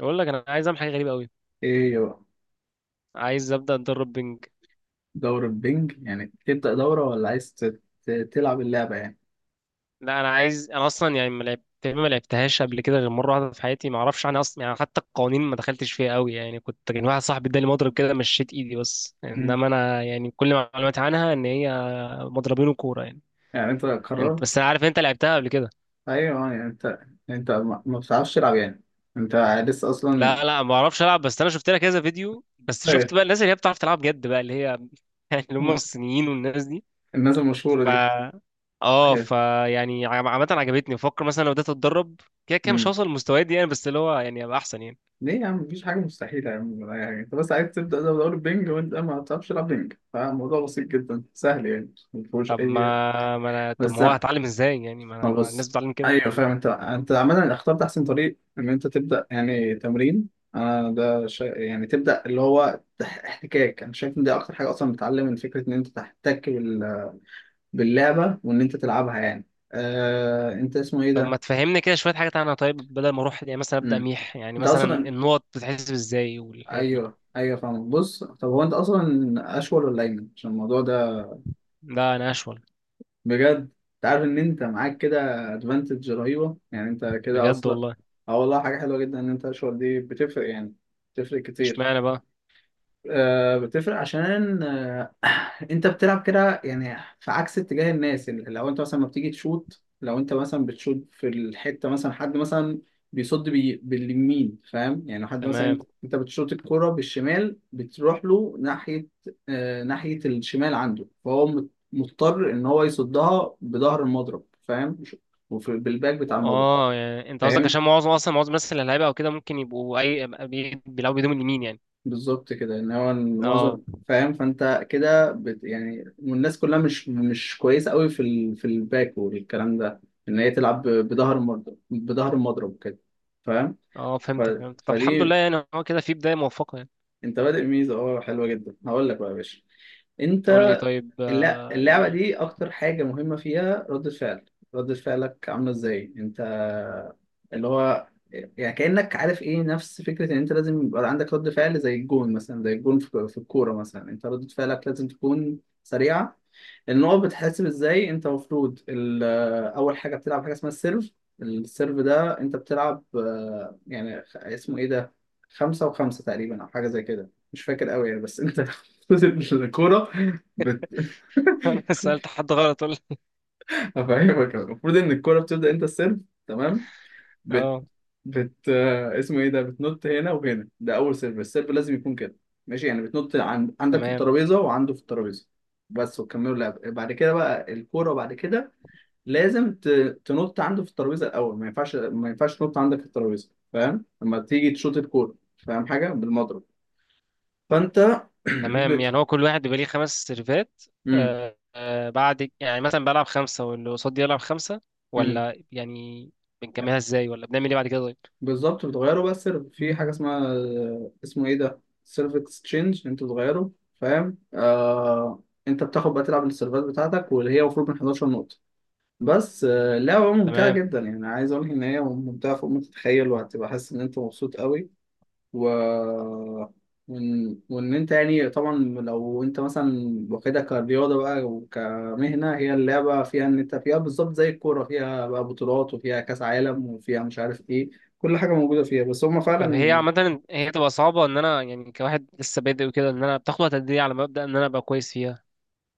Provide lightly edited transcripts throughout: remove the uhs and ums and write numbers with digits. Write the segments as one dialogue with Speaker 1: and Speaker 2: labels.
Speaker 1: اقول لك، انا عايز اعمل حاجه غريبه قوي.
Speaker 2: ايه يا بقى
Speaker 1: عايز ابدا اتدرب بنج.
Speaker 2: دورة بينج تبدأ دورة ولا عايز تلعب اللعبة يعني.
Speaker 1: لا، انا اصلا يعني ما لعبتهاش قبل كده غير مره واحده في حياتي. ما اعرفش عنها اصلا يعني، حتى القوانين ما دخلتش فيها قوي يعني. كان واحد صاحبي اداني مضرب كده مشيت ايدي بس،
Speaker 2: مم.
Speaker 1: انما انا يعني كل معلوماتي عنها ان هي مضربين وكوره يعني.
Speaker 2: يعني انت
Speaker 1: انت
Speaker 2: قررت؟
Speaker 1: بس، انا عارف انت لعبتها قبل كده.
Speaker 2: ايوه يعني انت، انت ما بتعرفش تلعب يعني؟ انت لسه
Speaker 1: لا
Speaker 2: اصلا؟
Speaker 1: لا، ما اعرفش العب، بس انا شفت لها كذا فيديو، بس
Speaker 2: ايوه.
Speaker 1: شفت بقى الناس اللي هي بتعرف تلعب جد بقى، اللي هي اللي هم الصينيين والناس.
Speaker 2: الناس المشهورة
Speaker 1: ف
Speaker 2: دي.
Speaker 1: اه ف
Speaker 2: ايوه.
Speaker 1: يعني عامة عجبتني، بفكر مثلا لو بدأت اتدرب كده. كده مش
Speaker 2: مم.
Speaker 1: هوصل للمستويات دي يعني، بس اللي هو يعني ابقى احسن يعني.
Speaker 2: ليه يا عم؟ مفيش حاجة مستحيلة يا عم ولا أي حاجة. انت بس عايز تبدأ دورة بينج وانت ما بتعرفش تلعب بينج، فالموضوع بسيط جدا سهل يعني مفيهوش اي.
Speaker 1: طب ما
Speaker 2: بس،
Speaker 1: هو هتعلم ازاي يعني،
Speaker 2: ما
Speaker 1: ما الناس
Speaker 2: بص،
Speaker 1: بتتعلم كده.
Speaker 2: ايوه فاهم، انت انت عمال اخترت احسن طريق ان انت تبدا يعني تمرين. انا يعني تبدا اللي هو احتكاك. انا شايف ان دي اكتر حاجه اصلا بتعلم، من فكره ان انت تحتك باللعبه وان انت تلعبها يعني. انت اسمه ايه
Speaker 1: طب ما
Speaker 2: ده؟
Speaker 1: تفهمني كده شوية حاجات عنها طيب، بدل ما اروح يعني مثلا ابدأ
Speaker 2: مم.
Speaker 1: ميح، يعني
Speaker 2: انت
Speaker 1: مثلا
Speaker 2: اصلا؟
Speaker 1: النقط بتتحسب ازاي والحاجات دي.
Speaker 2: ايوه فاهم. بص، طب هو انت اصلا اشول ولا ايمن عشان الموضوع ده؟
Speaker 1: لا انا اشول.
Speaker 2: بجد؟ انت عارف ان انت معاك كده ادفانتج رهيبه يعني، انت كده
Speaker 1: بجد
Speaker 2: اصلا.
Speaker 1: والله.
Speaker 2: اه والله حاجه حلوه جدا ان انت الاشهر دي بتفرق يعني، بتفرق كتير.
Speaker 1: اشمعنى بقى؟
Speaker 2: آه بتفرق عشان انت بتلعب كده يعني في عكس اتجاه الناس. يعني لو انت مثلا ما بتيجي تشوت، لو انت مثلا بتشوت في الحته، مثلا حد مثلا بيصد باليمين فاهم يعني؟ لو حد مثلا،
Speaker 1: تمام.
Speaker 2: انت بتشوت الكره بالشمال، بتروح له ناحيه، آه ناحيه الشمال عنده، فهو مضطر ان هو يصدها بظهر المضرب فاهم؟ وفي بالباك بتاع المضرب.
Speaker 1: اه يعني انت قصدك
Speaker 2: فهمت؟
Speaker 1: عشان معظم اصلا، الناس اللي هيلعبها او كده ممكن يبقوا بيلعبوا بيدوم اليمين يعني.
Speaker 2: بالظبط كده، ان هو
Speaker 1: اه
Speaker 2: معظم. فاهم؟ فانت كده يعني، والناس كلها مش كويسه قوي في الباك والكلام ده، ان هي تلعب بظهر المضرب، بظهر المضرب كده. فاهم؟
Speaker 1: اه،
Speaker 2: ف...
Speaker 1: فهمتك. طب الحمد
Speaker 2: فدي،
Speaker 1: لله يعني، هو كده في بداية موفقة يعني.
Speaker 2: انت بادئ ميزه اه حلوه جدا. هقول لك بقى يا باشا،
Speaker 1: قول
Speaker 2: انت
Speaker 1: لي طيب
Speaker 2: لا،
Speaker 1: آه
Speaker 2: اللعبة
Speaker 1: يعني.
Speaker 2: دي أكتر حاجة مهمة فيها ردة فعل. ردة فعلك عاملة إزاي أنت؟ اللي هو يعني كأنك عارف إيه، نفس فكرة إن أنت لازم يبقى عندك رد فعل زي الجون مثلا، زي الجون في الكورة مثلا، أنت ردة فعلك لازم تكون سريعة. النقط بتحسب ازاي؟ انت المفروض اول حاجه بتلعب حاجه اسمها السيرف. السيرف ده انت بتلعب آه، يعني اسمه ايه ده، خمسة وخمسة تقريبا او حاجه زي كده، مش فاكر قوي يعني، بس انت المفروض الكوره بت...
Speaker 1: انا سألت حد غلط ولا؟
Speaker 2: هفهمك. المفروض ان الكوره بتبدا، انت السيرف، تمام، بت...
Speaker 1: اه
Speaker 2: بت آه، اسمه ايه ده، بتنط هنا وهنا، ده اول سيرف. السيرف لازم يكون كده، ماشي؟ يعني بتنط عندك في
Speaker 1: تمام.
Speaker 2: الترابيزه وعنده في الترابيزه بس، وكملوا لعب بعد كده. بقى الكوره بعد كده لازم تنط عنده في الترابيزه الاول، ما ينفعش، ما ينفعش تنط عندك في الترابيزه. فاهم؟ لما تيجي تشوط الكوره، فاهم، حاجه بالمضرب، فانت
Speaker 1: تمام
Speaker 2: بت.
Speaker 1: يعني هو كل واحد بيبقى ليه خمس سيرفات؟
Speaker 2: امم.
Speaker 1: آه آه، بعد يعني مثلا بلعب خمسة واللي قصادي يلعب خمسة،
Speaker 2: امم.
Speaker 1: ولا يعني بنكملها ازاي، ولا بنعمل ايه بعد كده طيب؟
Speaker 2: بالظبط، بتغيره بقى السيرف في حاجه اسمها، اسمه ايه ده، سيرف اكسشينج، انت بتغيره فاهم. آه... انت بتاخد بقى تلعب السيرفات بتاعتك واللي هي المفروض من 11 نقطه بس. آه، اللعبة ممتعة
Speaker 1: تمام.
Speaker 2: جدا يعني. عايز اقول لك ان هي ممتعة فوق ما تتخيل، وهتبقى حاسس ان انت مبسوط قوي. و وإن أنت يعني طبعا، لو أنت مثلا واخدها كرياضة بقى وكمهنة، هي اللعبة فيها، إن أنت فيها بالظبط زي الكورة، فيها بقى بطولات وفيها كأس عالم وفيها مش عارف إيه، كل حاجة موجودة فيها، بس هما
Speaker 1: طب هي
Speaker 2: فعلا
Speaker 1: عامة هي تبقى صعبة ان انا يعني كواحد لسه بادئ وكده، ان انا بتاخد وقت قد ايه على ما ابدأ ان انا ابقى كويس فيها؟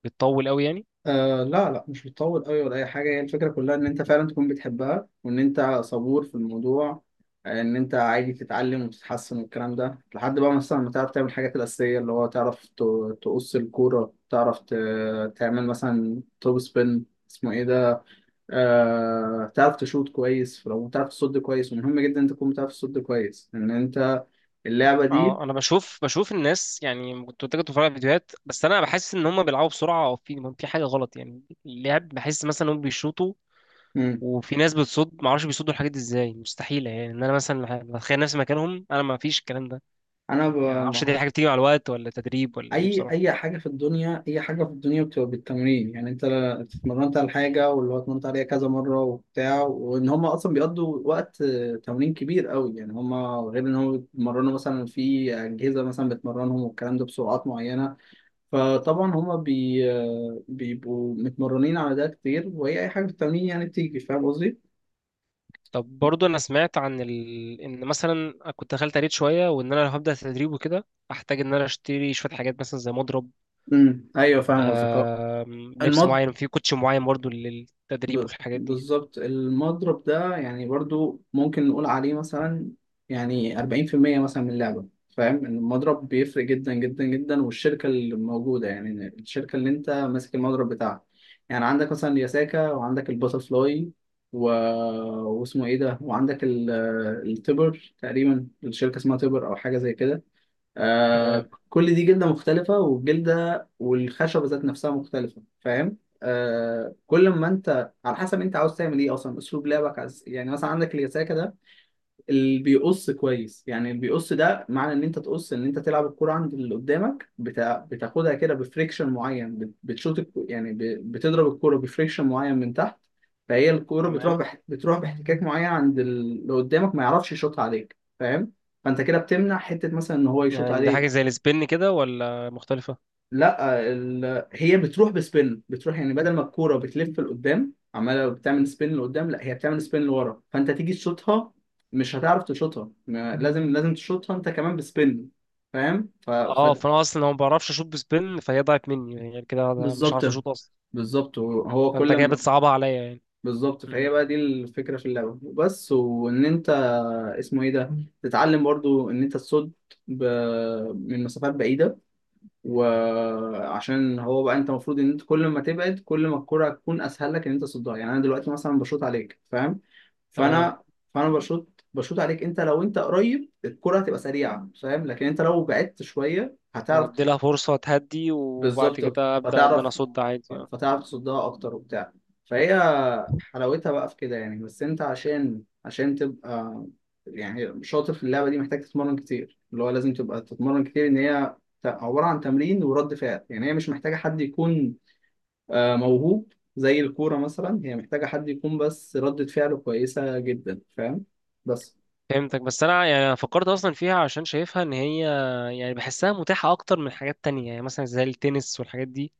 Speaker 1: بتطول قوي يعني؟
Speaker 2: آه. لا مش بتطول قوي ولا اي حاجه. هي الفكره كلها ان انت فعلا تكون بتحبها، وان انت صبور في الموضوع آه، ان انت عادي تتعلم وتتحسن والكلام ده، لحد بقى مثلا ما تعرف تعمل الحاجات الاساسيه، اللي هو تعرف تقص الكوره، تعرف تعمل مثلا توب سبين، اسمه ايه ده، آه تعرف تشوط كويس، لو تعرف تصد كويس. ومهم جدا انت تكون بتعرف تصد كويس، ان انت اللعبه دي.
Speaker 1: اه انا بشوف الناس يعني، كنت بتفرج على فيديوهات، بس انا بحس ان هم بيلعبوا بسرعه او في حاجه غلط يعني، اللعب بحس مثلا هم بيشوطوا،
Speaker 2: مم.
Speaker 1: وفي ناس بتصد ما اعرفش بيصدوا الحاجات دي ازاي، مستحيله يعني ان انا مثلا بتخيل نفسي مكانهم، انا ما فيش الكلام ده
Speaker 2: انا ب...
Speaker 1: يعني. ما اعرفش دي حاجه بتيجي مع الوقت ولا تدريب ولا ايه
Speaker 2: اي
Speaker 1: بصراحه؟
Speaker 2: اي حاجه في الدنيا، اي حاجه في الدنيا بتبقى بالتمرين يعني. انت اتمرنت على حاجه، واللي هو اتمرنت عليها كذا مره وبتاع، وان هم اصلا بيقضوا وقت آه، تمرين كبير قوي يعني هم، غير ان هم بيتمرنوا مثلا في اجهزه مثلا بتمرنهم والكلام ده بسرعات معينه. فطبعا هم بي آه، بيبقوا متمرنين على ده كتير. وهي اي حاجه في التمرين يعني بتيجي. فاهم قصدي؟
Speaker 1: طب برضو انا سمعت عن ان مثلا كنت دخلت قريت شويه، وان انا لو هبدا تدريب وكده احتاج ان انا اشتري شويه حاجات مثلا زي مضرب.
Speaker 2: امم، ايوه فاهم قصدك آه.
Speaker 1: لبس
Speaker 2: المط
Speaker 1: معين، في كوتش معين برضو للتدريب
Speaker 2: ب-
Speaker 1: والحاجات دي.
Speaker 2: بالظبط، المضرب ده يعني برضو ممكن نقول عليه مثلا يعني 40% مثلا من اللعبة. فاهم؟ المضرب بيفرق جدا جدا جدا، والشركة اللي موجودة، يعني الشركة اللي انت ماسك المضرب بتاعها، يعني عندك مثلا ياساكا، وعندك الباتر فلاي و... واسمه ايه ده، وعندك التبر تقريبا، الشركة اسمها تبر او حاجة زي كده. آه
Speaker 1: تمام.
Speaker 2: كل دي جلدة مختلفة، والجلدة والخشبة ذات نفسها مختلفة. فاهم؟ آه كل ما انت، على حسب انت عاوز تعمل ايه اصلا، اسلوب لعبك عايز إيه. يعني مثلا عندك اليساكا ده اللي بيقص كويس، يعني اللي بيقص ده معنى ان انت تقص، ان انت تلعب الكرة عند اللي قدامك، بتاخدها كده بفريكشن معين، يعني بتضرب الكرة بفريكشن معين من تحت، فهي الكرة
Speaker 1: تمام
Speaker 2: بتروح باحتكاك معين عند اللي قدامك، ما يعرفش يشوطها عليك. فاهم؟ فانت كده بتمنع حتة مثلا ان هو يشوط
Speaker 1: يعني دي حاجة
Speaker 2: عليك.
Speaker 1: زي السبن كده ولا مختلفة؟
Speaker 2: لا هي بتروح بسبين، بتروح يعني بدل ما الكوره بتلف لقدام عماله بتعمل سبين لقدام، لا هي بتعمل سبين لورا، فانت تيجي تشوطها مش هتعرف تشوطها، لازم تشوطها انت كمان بسبين. فاهم؟
Speaker 1: اه فانا اصلا ما بعرفش اشوط بسبن، فهي ضاعت مني يعني، غير كده أنا مش
Speaker 2: بالظبط،
Speaker 1: عارف اشوط اصلا.
Speaker 2: بالظبط، هو
Speaker 1: فانت
Speaker 2: كل
Speaker 1: كده
Speaker 2: ما،
Speaker 1: بتصعبها عليا يعني.
Speaker 2: بالظبط. فهي
Speaker 1: مم.
Speaker 2: بقى دي الفكره في اللعبه بس، وان انت، اسمه ايه ده، تتعلم برضو ان انت تصد ب... من مسافات بعيده. وعشان هو بقى انت المفروض ان انت، كل ما تبعد كل ما الكرة تكون اسهل لك ان انت تصدها. يعني انا دلوقتي مثلا بشوط عليك فاهم،
Speaker 1: تمام.
Speaker 2: فانا فانا بشوط عليك، انت لو انت قريب الكرة هتبقى سريعة فاهم، لكن انت لو بعدت شوية هتعرف.
Speaker 1: هدي لها فرصة تهدي وبعد
Speaker 2: بالظبط،
Speaker 1: كده ابدا ان انا اصد عادي اه.
Speaker 2: فتعرف تصدها اكتر وبتاع. فهي حلاوتها بقى في كده يعني. بس انت عشان، عشان تبقى يعني شاطر في اللعبه دي، محتاج تتمرن كتير، اللي هو لازم تبقى تتمرن كتير، ان هي عباره عن تمرين ورد فعل. يعني هي مش محتاجه حد يكون آه، موهوب زي الكوره مثلا. هي محتاجه حد يكون بس ردة فعله كويسه جدا. فاهم؟ بس
Speaker 1: فهمتك، بس انا يعني، أنا فكرت اصلا فيها عشان شايفها ان هي يعني بحسها متاحة اكتر من حاجات تانية يعني، مثلا زي التنس والحاجات دي.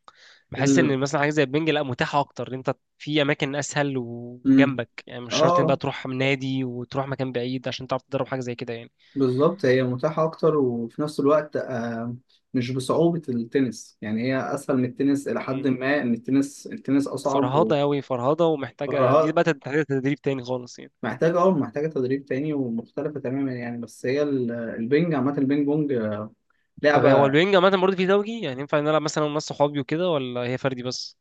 Speaker 1: بحس
Speaker 2: ال...
Speaker 1: ان مثلا حاجه زي البنج، لا متاحه اكتر، انت في اماكن اسهل
Speaker 2: مم.
Speaker 1: وجنبك يعني، مش شرط ان بقى
Speaker 2: اه
Speaker 1: تروح من نادي وتروح مكان بعيد عشان تعرف تدرب حاجه زي كده يعني.
Speaker 2: بالظبط، هي متاحة أكتر، وفي نفس الوقت آه، مش بصعوبة التنس يعني. هي أسهل من التنس إلى حد
Speaker 1: مم.
Speaker 2: ما، إن التنس، التنس أصعب
Speaker 1: فرهضه قوي فرهضه، ومحتاجه،
Speaker 2: ومهارات،
Speaker 1: دي بقى محتاجه تدريب تاني خالص يعني.
Speaker 2: محتاجة أه محتاجة تدريب تاني ومختلفة تماما يعني. بس هي البينج عامة، البينج بونج آه،
Speaker 1: طب هو
Speaker 2: لعبة.
Speaker 1: البنج عامه برضه في زوجي يعني، ينفع نلعب مثلا ناس صحابي وكده، ولا هي فردي بس؟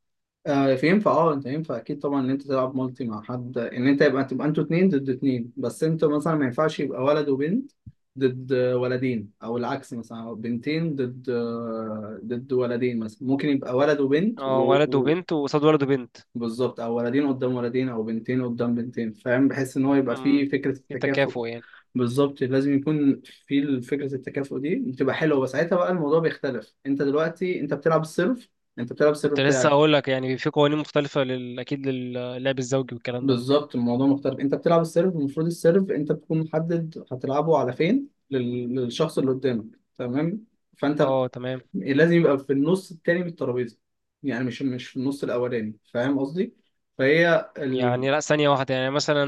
Speaker 2: آه، فينفع، اه انت ينفع اكيد طبعا ان انت تلعب مالتي مع حد، ان انت يبقى، تبقى انتوا اتنين ضد اتنين. بس انتوا مثلا ما ينفعش يبقى ولد وبنت ضد ولدين، او العكس مثلا، أو بنتين ضد آه، ضد ولدين مثلا. ممكن يبقى ولد وبنت
Speaker 1: اه، ولد وبنت وقصاد ولد وبنت.
Speaker 2: بالظبط، او ولدين قدام ولدين، او بنتين قدام بنتين. فاهم؟ بحيث ان هو يبقى
Speaker 1: امم.
Speaker 2: فيه فكرة
Speaker 1: في
Speaker 2: التكافؤ.
Speaker 1: تكافؤ يعني.
Speaker 2: بالظبط، لازم يكون في فكرة التكافؤ دي، بتبقى حلوة. بس ساعتها بقى الموضوع بيختلف، انت دلوقتي انت بتلعب السيرف، انت بتلعب السيرف
Speaker 1: كنت لسه
Speaker 2: بتاعك.
Speaker 1: اقول لك يعني في قوانين مختلفه اكيد للعب الزوجي والكلام ده.
Speaker 2: بالظبط، الموضوع مختلف. انت بتلعب السيرف، المفروض السيرف انت بتكون محدد هتلعبه على فين، للشخص اللي قدامك، تمام؟ فانت ب-
Speaker 1: اه تمام.
Speaker 2: لازم يبقى في النص التاني من الترابيزه، يعني مش في النص الاولاني فاهم قصدي. فهي ال...
Speaker 1: يعني لا ثانية واحدة، يعني مثلا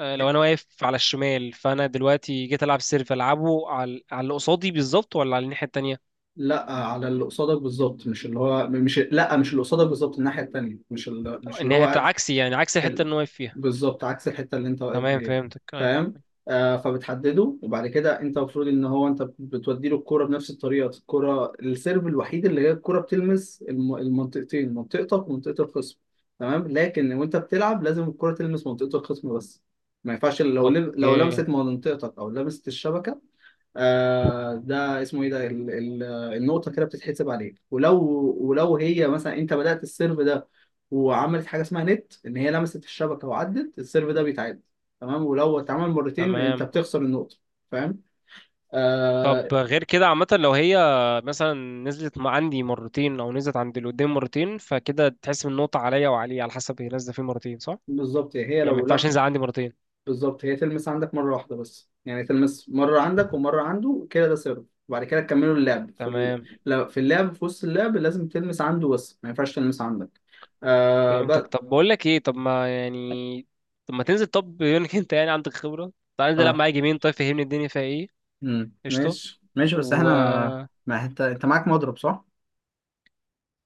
Speaker 1: آه، لو أنا واقف على الشمال فأنا دلوقتي جيت ألعب سيرف ألعبه على اللي قصادي بالظبط، ولا على الناحية التانية؟
Speaker 2: لا على اللي قصادك بالظبط، مش اللي قصادك بالظبط، الناحيه التانيه، مش ال... مش اللي
Speaker 1: الناحية
Speaker 2: هو
Speaker 1: عكسي يعني، عكس الحتة
Speaker 2: ال-
Speaker 1: اللي أنا واقف فيها.
Speaker 2: بالظبط عكس الحته اللي انت واقف
Speaker 1: تمام
Speaker 2: فيها.
Speaker 1: فهمتك أيوة.
Speaker 2: فاهم؟ آه فبتحدده، وبعد كده انت المفروض ان هو انت بتودي له الكوره بنفس الطريقه. الكوره السيرف الوحيد اللي هي الكوره بتلمس المنطقتين، منطقتك ومنطقه الخصم، تمام. لكن وانت بتلعب لازم الكوره تلمس منطقه الخصم بس، ما ينفعش لو لو
Speaker 1: أوكي.
Speaker 2: لمست منطقتك او لمست الشبكه. آه ده اسمه ايه ده، ال ال النقطة كده بتتحسب عليك. ولو، ولو هي مثلا انت بدأت السيرف ده وعملت حاجة اسمها نت، ان هي لمست الشبكة، وعدت، السيرف ده بيتعاد تمام. ولو اتعمل مرتين انت
Speaker 1: تمام.
Speaker 2: بتخسر النقطة. فاهم؟ آه.
Speaker 1: طب غير كده عامة، لو هي مثلا نزلت مع عندي مرتين أو نزلت عند اللي قدام مرتين، فكده تحسب النقطة عليا وعليه على حسب هي نازلة فيه مرتين صح؟
Speaker 2: بالظبط، هي
Speaker 1: يعني ما
Speaker 2: لو
Speaker 1: ينفعش
Speaker 2: لا،
Speaker 1: ينزل عندي مرتين.
Speaker 2: بالظبط هي تلمس عندك مرة واحدة بس، يعني تلمس مرة عندك ومرة عنده كده، ده سيرف. وبعد كده تكملوا اللعب في ال...
Speaker 1: تمام
Speaker 2: لا- في اللعب في وسط اللعب لازم تلمس عنده بس، ما ينفعش تلمس عندك آه بس.
Speaker 1: فهمتك. طب بقول لك ايه، طب ما يعني طب ما تنزل، طب بما انك انت يعني عندك خبره، تعال انزل العب
Speaker 2: اه،
Speaker 1: معايا جيمين، طيب فهمني الدنيا فيها ايه.
Speaker 2: امم،
Speaker 1: قشطه.
Speaker 2: ماشي ماشي. بس
Speaker 1: و
Speaker 2: احنا، ما انت، انت معاك مضرب صح؟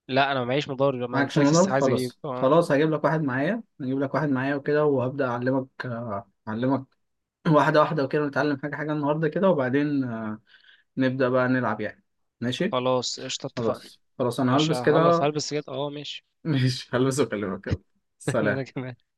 Speaker 1: لا انا ما معيش مضارب، انا
Speaker 2: معاكش
Speaker 1: قلت لك
Speaker 2: مضرب،
Speaker 1: لسه عايز اجيب
Speaker 2: خلاص
Speaker 1: اه.
Speaker 2: خلاص هجيب لك واحد معايا، هجيب لك واحد معايا وكده، وهبدأ أعلمك آه، أعلمك واحدة واحدة وكده، نتعلم حاجة حاجة النهاردة كده، وبعدين آه، نبدأ بقى نلعب يعني. ماشي،
Speaker 1: خلاص قشطه، اتفقنا.
Speaker 2: خلاص خلاص أنا
Speaker 1: ماشي
Speaker 2: هلبس
Speaker 1: هخلص
Speaker 2: كده.
Speaker 1: هلبس كده اه ماشي.
Speaker 2: ماشي هلبس وأكلمك يلا.
Speaker 1: انا
Speaker 2: سلام.
Speaker 1: كمان.